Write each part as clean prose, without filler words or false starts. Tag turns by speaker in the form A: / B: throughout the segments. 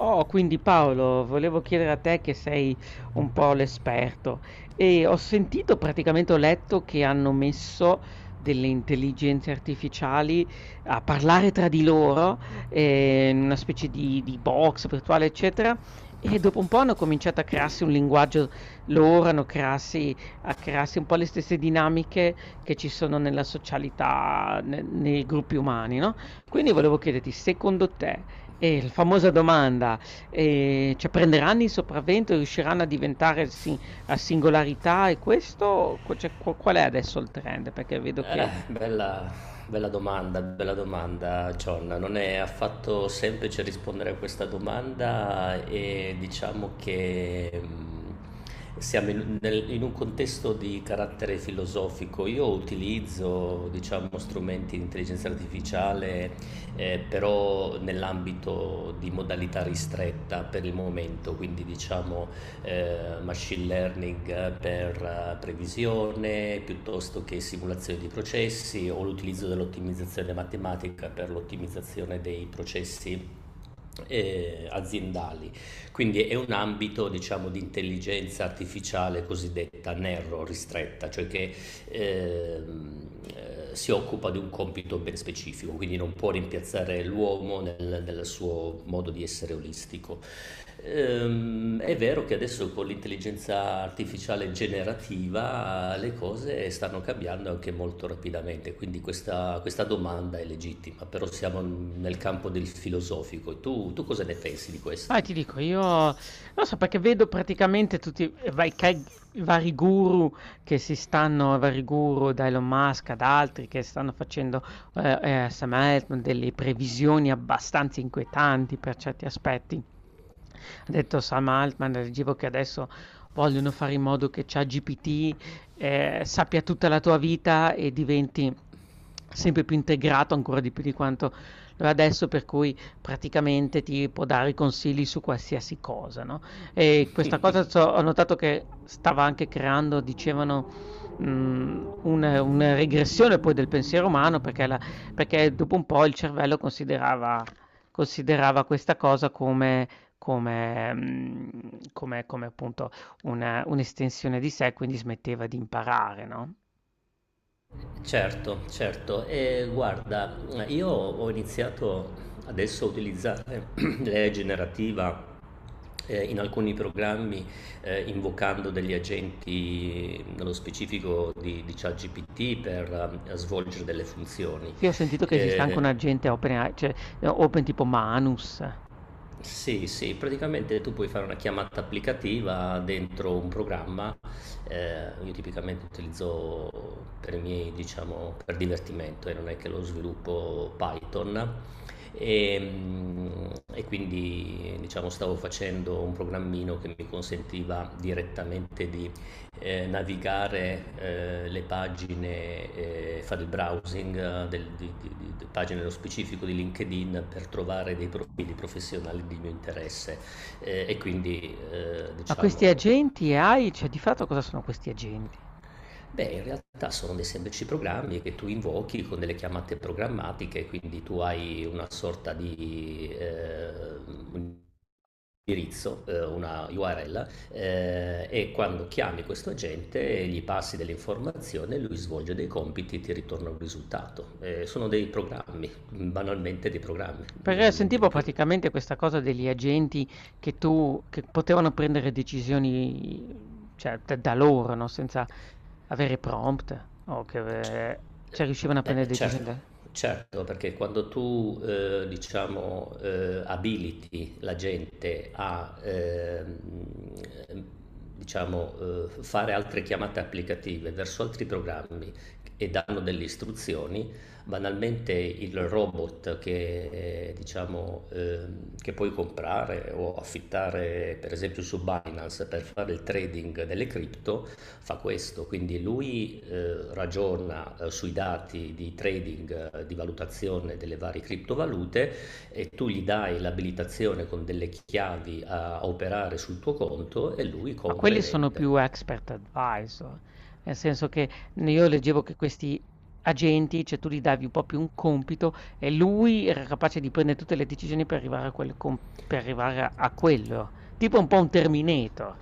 A: Oh, quindi Paolo, volevo chiedere a te che sei un po' l'esperto e ho sentito, praticamente ho letto che hanno messo delle intelligenze artificiali a parlare tra di loro in una specie di box virtuale, eccetera, e dopo un po' hanno cominciato a crearsi un linguaggio loro, hanno crearsi, a crearsi un po' le stesse dinamiche che ci sono nella socialità, nei gruppi umani, no? Quindi volevo chiederti, secondo te... la famosa domanda, cioè prenderanno il sopravvento, e riusciranno a diventare sin a singolarità e questo co cioè qu qual è adesso il trend? Perché vedo che ci.
B: Bella, bella domanda, John. Non è affatto semplice rispondere a questa domanda e diciamo che siamo in un contesto di carattere filosofico. Io utilizzo, diciamo, strumenti di intelligenza artificiale, però nell'ambito di modalità ristretta per il momento, quindi diciamo machine learning per previsione piuttosto che simulazione di processi o l'utilizzo dell'ottimizzazione matematica per l'ottimizzazione dei processi aziendali. Quindi è un ambito diciamo, di intelligenza artificiale cosiddetta narrow, ristretta, cioè che ehm, si occupa di un compito ben specifico, quindi non può rimpiazzare l'uomo nel suo modo di essere olistico. È vero che adesso con l'intelligenza artificiale generativa le cose stanno cambiando anche molto rapidamente, quindi questa domanda è legittima, però siamo nel campo del filosofico. Tu cosa ne pensi di
A: Ah, ti
B: questo?
A: dico, io non so perché vedo praticamente tutti i vai, i vari guru che si stanno, i vari guru da Elon Musk ad altri che stanno facendo Sam Altman delle previsioni abbastanza inquietanti per certi aspetti. Ha detto Sam Altman, leggevo che adesso vogliono fare in modo che ChatGPT sappia tutta la tua vita e diventi sempre più integrato ancora di più di quanto lo è adesso, per cui praticamente ti può dare consigli su qualsiasi cosa, no? E questa cosa ho notato che stava anche creando, dicevano, una regressione poi del pensiero umano perché, perché dopo un po' il cervello considerava, considerava questa cosa come... Come, come, come appunto un'estensione di sé, quindi smetteva di imparare, no?
B: Certo, certo. E guarda, io ho iniziato adesso a utilizzare l'IA generativa in alcuni programmi invocando degli agenti, nello specifico di ChatGPT, per svolgere delle funzioni.
A: Sì, ho sentito che esiste anche
B: Eh,
A: un agente open, AI, cioè open tipo Manus.
B: Sì, sì, praticamente tu puoi fare una chiamata applicativa dentro un programma. Io tipicamente utilizzo per i miei, diciamo, per divertimento e non è che lo sviluppo Python. E, mm, e quindi, diciamo, stavo facendo un programmino che mi consentiva direttamente di navigare le pagine, fare il browsing del, di pagine nello specifico di LinkedIn per trovare dei profili professionali di mio interesse e quindi
A: Ma questi
B: diciamo.
A: agenti AI, cioè di fatto cosa sono questi agenti?
B: Beh, in realtà sono dei semplici programmi che tu invochi con delle chiamate programmatiche, quindi tu hai una sorta di un indirizzo, una URL, e quando chiami questo agente gli passi delle informazioni, lui svolge dei compiti e ti ritorna un risultato. Sono dei programmi, banalmente dei programmi,
A: Perché
B: non niente
A: sentivo
B: di più.
A: praticamente questa cosa degli agenti che tu che potevano prendere decisioni, cioè da loro, no, senza avere prompt o che cioè riuscivano a
B: Beh,
A: prendere decisioni
B: certo,
A: da.
B: certo, perché quando tu, diciamo, abiliti la gente a, diciamo, fare altre chiamate applicative verso altri programmi e danno delle istruzioni, banalmente il robot che puoi comprare o affittare, per esempio, su Binance per fare il trading delle cripto, fa questo, quindi lui ragiona sui dati di trading, di valutazione delle varie criptovalute e tu gli dai l'abilitazione con delle chiavi a operare sul tuo conto e lui
A: Ma
B: compra e
A: quelli sono più
B: vende.
A: expert advisor, nel senso che n io leggevo che questi agenti, cioè tu gli davi un po' più un compito e lui era capace di prendere tutte le decisioni per arrivare a quel com per arrivare a quello. Tipo un po' un Terminator,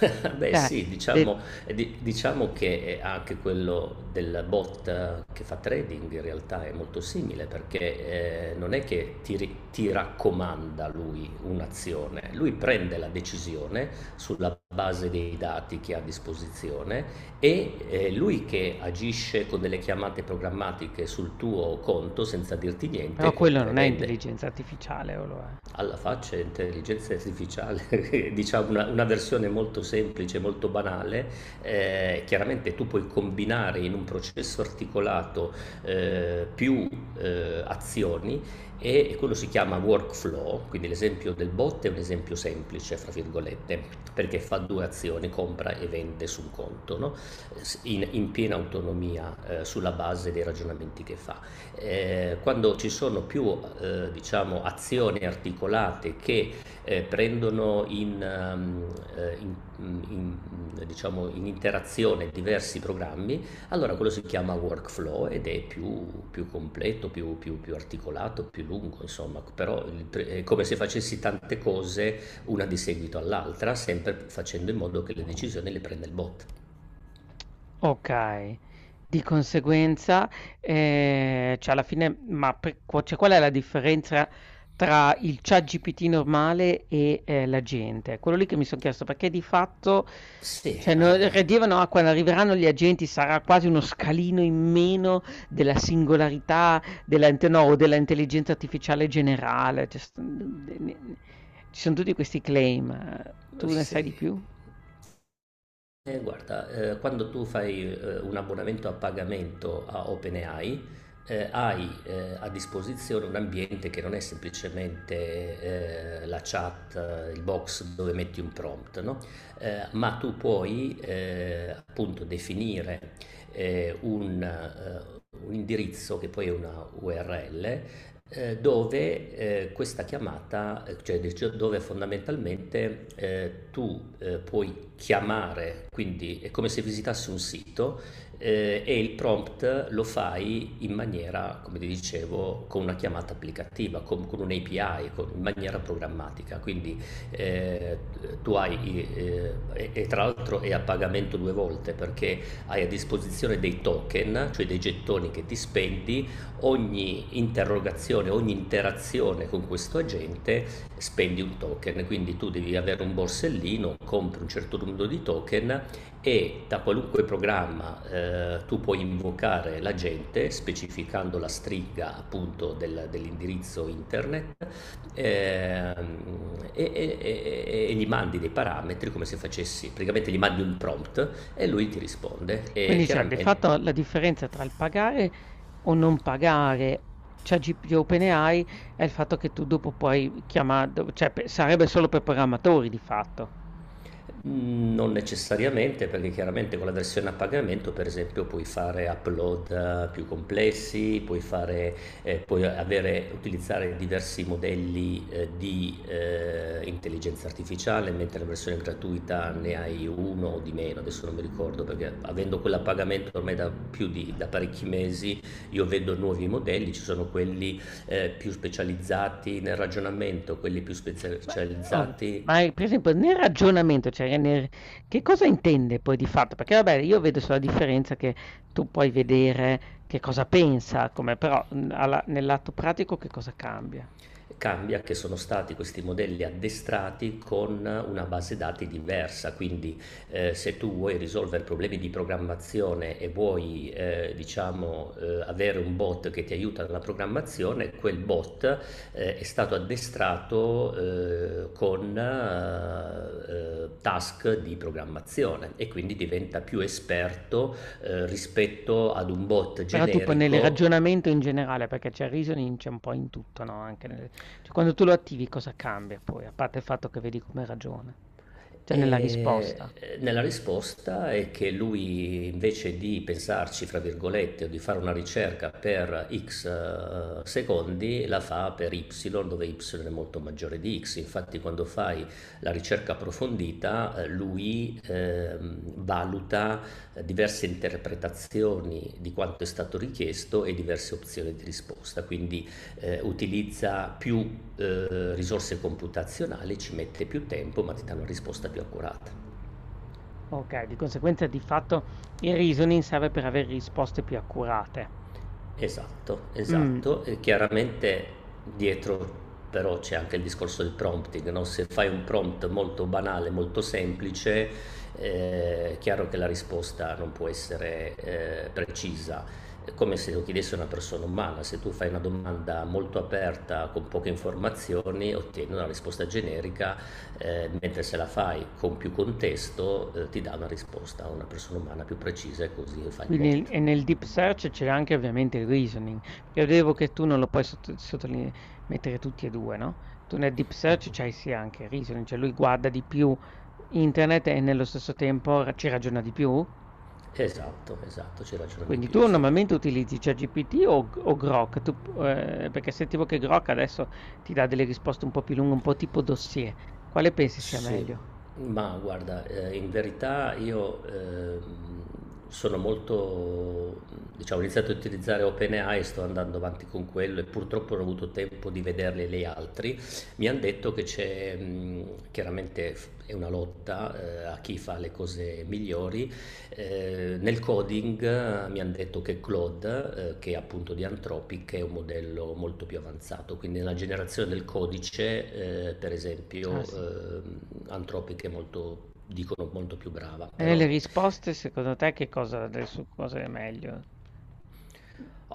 B: Beh sì,
A: de
B: diciamo, diciamo che anche quello della bot che fa trading in realtà è molto simile perché non è che ti raccomanda lui un'azione, lui prende la decisione sulla base dei dati che ha a disposizione e lui che agisce con delle chiamate programmatiche sul tuo conto senza dirti
A: però
B: niente,
A: quello
B: compra e
A: non è
B: vende.
A: intelligenza artificiale o lo è?
B: Alla faccia intelligenza artificiale, diciamo una versione molto semplice, molto banale, chiaramente tu puoi combinare in un processo articolato, più, azioni e quello si chiama workflow, quindi l'esempio del bot è un esempio "semplice" fra virgolette, perché fa due azioni, compra e vende su un conto, no, s in in piena autonomia, sulla base dei ragionamenti che fa. Quando ci sono più diciamo, azioni articolate che prendono diciamo, in interazione diversi programmi, allora quello si chiama workflow ed è più completo, più articolato, più lungo, insomma, però è come se facessi tante cose una di seguito all'altra, sempre facendo in modo che le decisioni le prenda il bot.
A: Okay. Di conseguenza, cioè alla fine ma per qu cioè qual è la differenza tra il ChatGPT normale e, l'agente? È quello lì che mi son chiesto, perché di fatto
B: Sì,
A: cioè no re dicevano: "Ah, quando arriveranno gli agenti sarà quasi uno scalino in meno della singolarità della inte no, o della intelligenza artificiale generale." Cioè st n de ne ne ci son tutti questi claim.
B: eh,
A: Tu ne sai di
B: sì,
A: più?
B: Guarda, quando tu fai un abbonamento a pagamento a OpenAI, hai a disposizione un ambiente che non è semplicemente la chat, il box dove metti un prompt, no? Ma tu puoi appunto definire eh, un, eh, un indirizzo che poi è una URL dove questa chiamata, dove fondamentalmente tu puoi chiamare, quindi è come se visitassi un sito e il prompt lo fai in maniera, come ti dicevo, con una chiamata applicativa, con un'API, in maniera programmatica. Quindi eh, e tra l'altro è a pagamento due volte perché hai a disposizione dei token, cioè dei gettoni che ti spendi ogni interrogazione, ogni interazione con questo agente spendi un token, quindi tu devi avere un borsellino, compri un certo numero di token e da qualunque programma tu puoi invocare l'agente specificando la stringa appunto dell'indirizzo internet ehm, e gli mandi dei parametri come se facessi, praticamente gli mandi un prompt e lui ti risponde e
A: Quindi cioè di
B: chiaramente.
A: fatto la differenza tra il pagare o non pagare ChatGPT di OpenAI è il fatto che tu dopo puoi chiama do cioè pe sarebbe solo per programmatori di fatto.
B: Mm. Non necessariamente, perché chiaramente con la versione a pagamento, per esempio, puoi fare upload più complessi, puoi fare, puoi avere- utilizzare diversi modelli di intelligenza artificiale, mentre la versione gratuita ne hai uno o di meno, adesso non mi ricordo, perché avendo quella a pagamento ormai da più di da parecchi mesi, io vedo nuovi modelli, ci sono quelli più specializzati nel ragionamento, quelli più
A: Ma o ma
B: specializzati.
A: per esempio nel ragionamento, cioè nel che cosa intende poi di fatto? Perché vabbè io vedo sulla differenza che tu puoi vedere che cosa pensa, come però, mhmm, alla nel lato pratico che cosa cambia?
B: Cambia che sono stati questi modelli addestrati con una base dati diversa, quindi se tu vuoi risolvere problemi di programmazione e vuoi diciamo, avere un bot che ti aiuta nella programmazione, quel bot è stato addestrato con task di programmazione e quindi diventa più esperto rispetto ad un bot
A: Però tipo nel
B: generico.
A: ragionamento in generale, perché c'è il reasoning c'è un po' in tutto, no? Cioè, quando tu lo attivi cosa cambia poi, a parte il fatto che vedi come ragiona, cioè nella risposta.
B: E nella risposta è che lui invece di pensarci, fra virgolette, o di fare una ricerca per x secondi, la fa per y, dove y è molto maggiore di x. Infatti quando fai la ricerca approfondita, lui valuta diverse interpretazioni di quanto è stato richiesto e diverse opzioni di risposta, quindi utilizza più risorse computazionali, ci mette più tempo ma ti dà una risposta più accurata.
A: Ok, di conseguenza di fatto il reasoning serve per avere risposte più accurate.
B: Esatto,
A: Mm.
B: esatto. E chiaramente dietro però c'è anche il discorso del prompting, no? Se fai un prompt molto banale, molto semplice, è chiaro che la risposta non può essere precisa. È come se lo chiedesse una persona umana. Se tu fai una domanda molto aperta, con poche informazioni, ottieni una risposta generica, mentre se la fai con più contesto, ti dà una risposta a una persona umana più precisa e così fa il bot.
A: Quindi e nel deep search c'è anche ovviamente il reasoning, perché vedevo che tu non lo puoi mettere tutti e due, no? Tu nel deep search c'hai sì anche il reasoning, cioè lui guarda di più internet e nello stesso tempo ci ragiona di più.
B: Esatto, esatto, c'è ragione di
A: Quindi
B: più,
A: tu
B: sì.
A: normalmente utilizzi ChatGPT o Grok? Tu p perché sentivo che Grok adesso ti dà delle risposte un po' più lunghe, un po' tipo dossier. Quale pensi sia
B: Sì,
A: meglio?
B: ma guarda, in verità io sono molto, diciamo, ho iniziato a utilizzare OpenAI e sto andando avanti con quello e purtroppo non ho avuto tempo di vederli gli altri. Mi hanno detto che c'è, chiaramente è una lotta a chi fa le cose migliori. Nel coding mi hanno detto che Claude, che è appunto di Anthropic, è un modello molto più avanzato, quindi nella generazione del codice, per
A: Ah, sì. E
B: esempio, Anthropic è molto, dicono, molto più brava,
A: nelle
B: però,
A: risposte secondo te che cosa adesso cosa è meglio?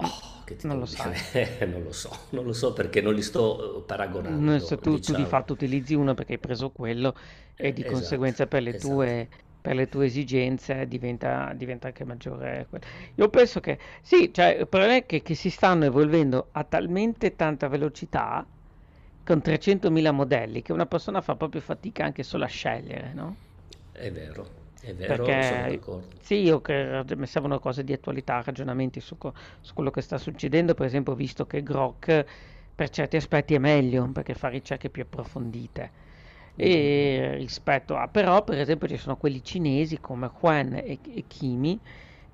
A: Mh,
B: che ti
A: non lo
B: devo
A: sai.
B: dire? Non lo so, non lo so perché non li sto
A: Mhmm, se
B: paragonando,
A: tu di
B: diciamo.
A: fatto utilizzi uno perché hai preso quello e di
B: Esatto,
A: conseguenza
B: esatto,
A: per le tue esigenze diventa anche maggiore que, io penso che sì, cioè il problema è che si stanno evolvendo a talmente tanta velocità, con 300.000 modelli, che una persona fa proprio fatica anche solo a scegliere, no?
B: è vero, sono
A: Perché
B: d'accordo.
A: sì, io che mi servono cose di attualità, ragionamenti su, su quello che sta succedendo. Per esempio, ho visto che Grok per certi aspetti è meglio perché fa ricerche più approfondite.
B: Mm,
A: E rispetto a, però, per esempio, ci sono quelli cinesi come Juan e Kimi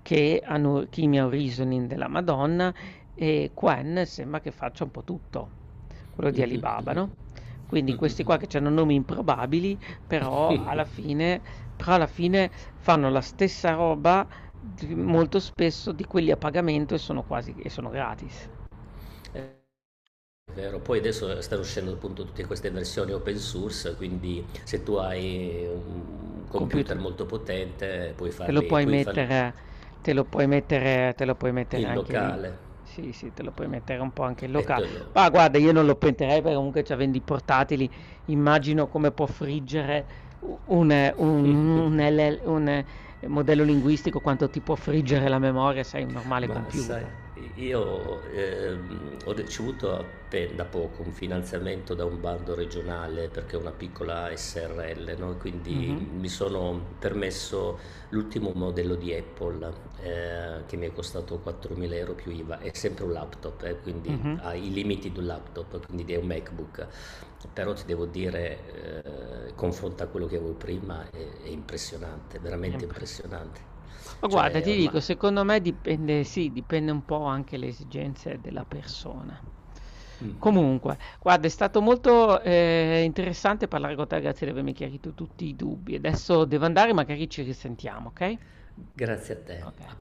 A: che hanno Chimia Reasoning della Madonna e Quen sembra che faccia un po' tutto, quello di Alibaba, no? Quindi questi qua che hanno nomi improbabili, però alla fine, però alla fine fanno la stessa roba molto spesso di quelli a pagamento e sono quasi e sono gratis.
B: mm. Vero, poi adesso stanno uscendo appunto tutte queste versioni open source, quindi se tu hai un computer
A: Computer.
B: molto potente
A: Te lo puoi
B: puoi farli
A: mettere te lo puoi mettere te lo puoi mettere
B: in
A: anche lì.
B: locale.
A: Sì, sì, te lo puoi
B: Mm.
A: mettere un po' anche in
B: e te
A: locale.
B: lo,
A: Ma guarda, io non lo pentirei perché comunque cioè, vendi i portatili. Immagino come può friggere un LL modello linguistico, quanto ti può friggere la memoria se hai un normale
B: Ma sai,
A: computer.
B: io ho ricevuto da poco un finanziamento da un bando regionale perché è una piccola SRL, no? Quindi
A: Mhm,
B: mi sono permesso l'ultimo modello di Apple che mi è costato 4.000 euro più IVA. È sempre un laptop, quindi
A: mhm.
B: ha i limiti di un laptop, quindi è un MacBook. Però ti devo dire, confronto a quello che avevo prima, è impressionante,
A: È
B: veramente
A: impress
B: impressionante.
A: ma guarda,
B: Cioè,
A: ti
B: ormai.
A: dico, secondo me dipende sì, dipende un po' anche le esigenze della persona. Comunque, guarda, è stato molto, interessante parlare con te, grazie di avermi chiarito tutti i dubbi. Adesso devo andare, magari ci risentiamo, okay?
B: Grazie a te.
A: Oka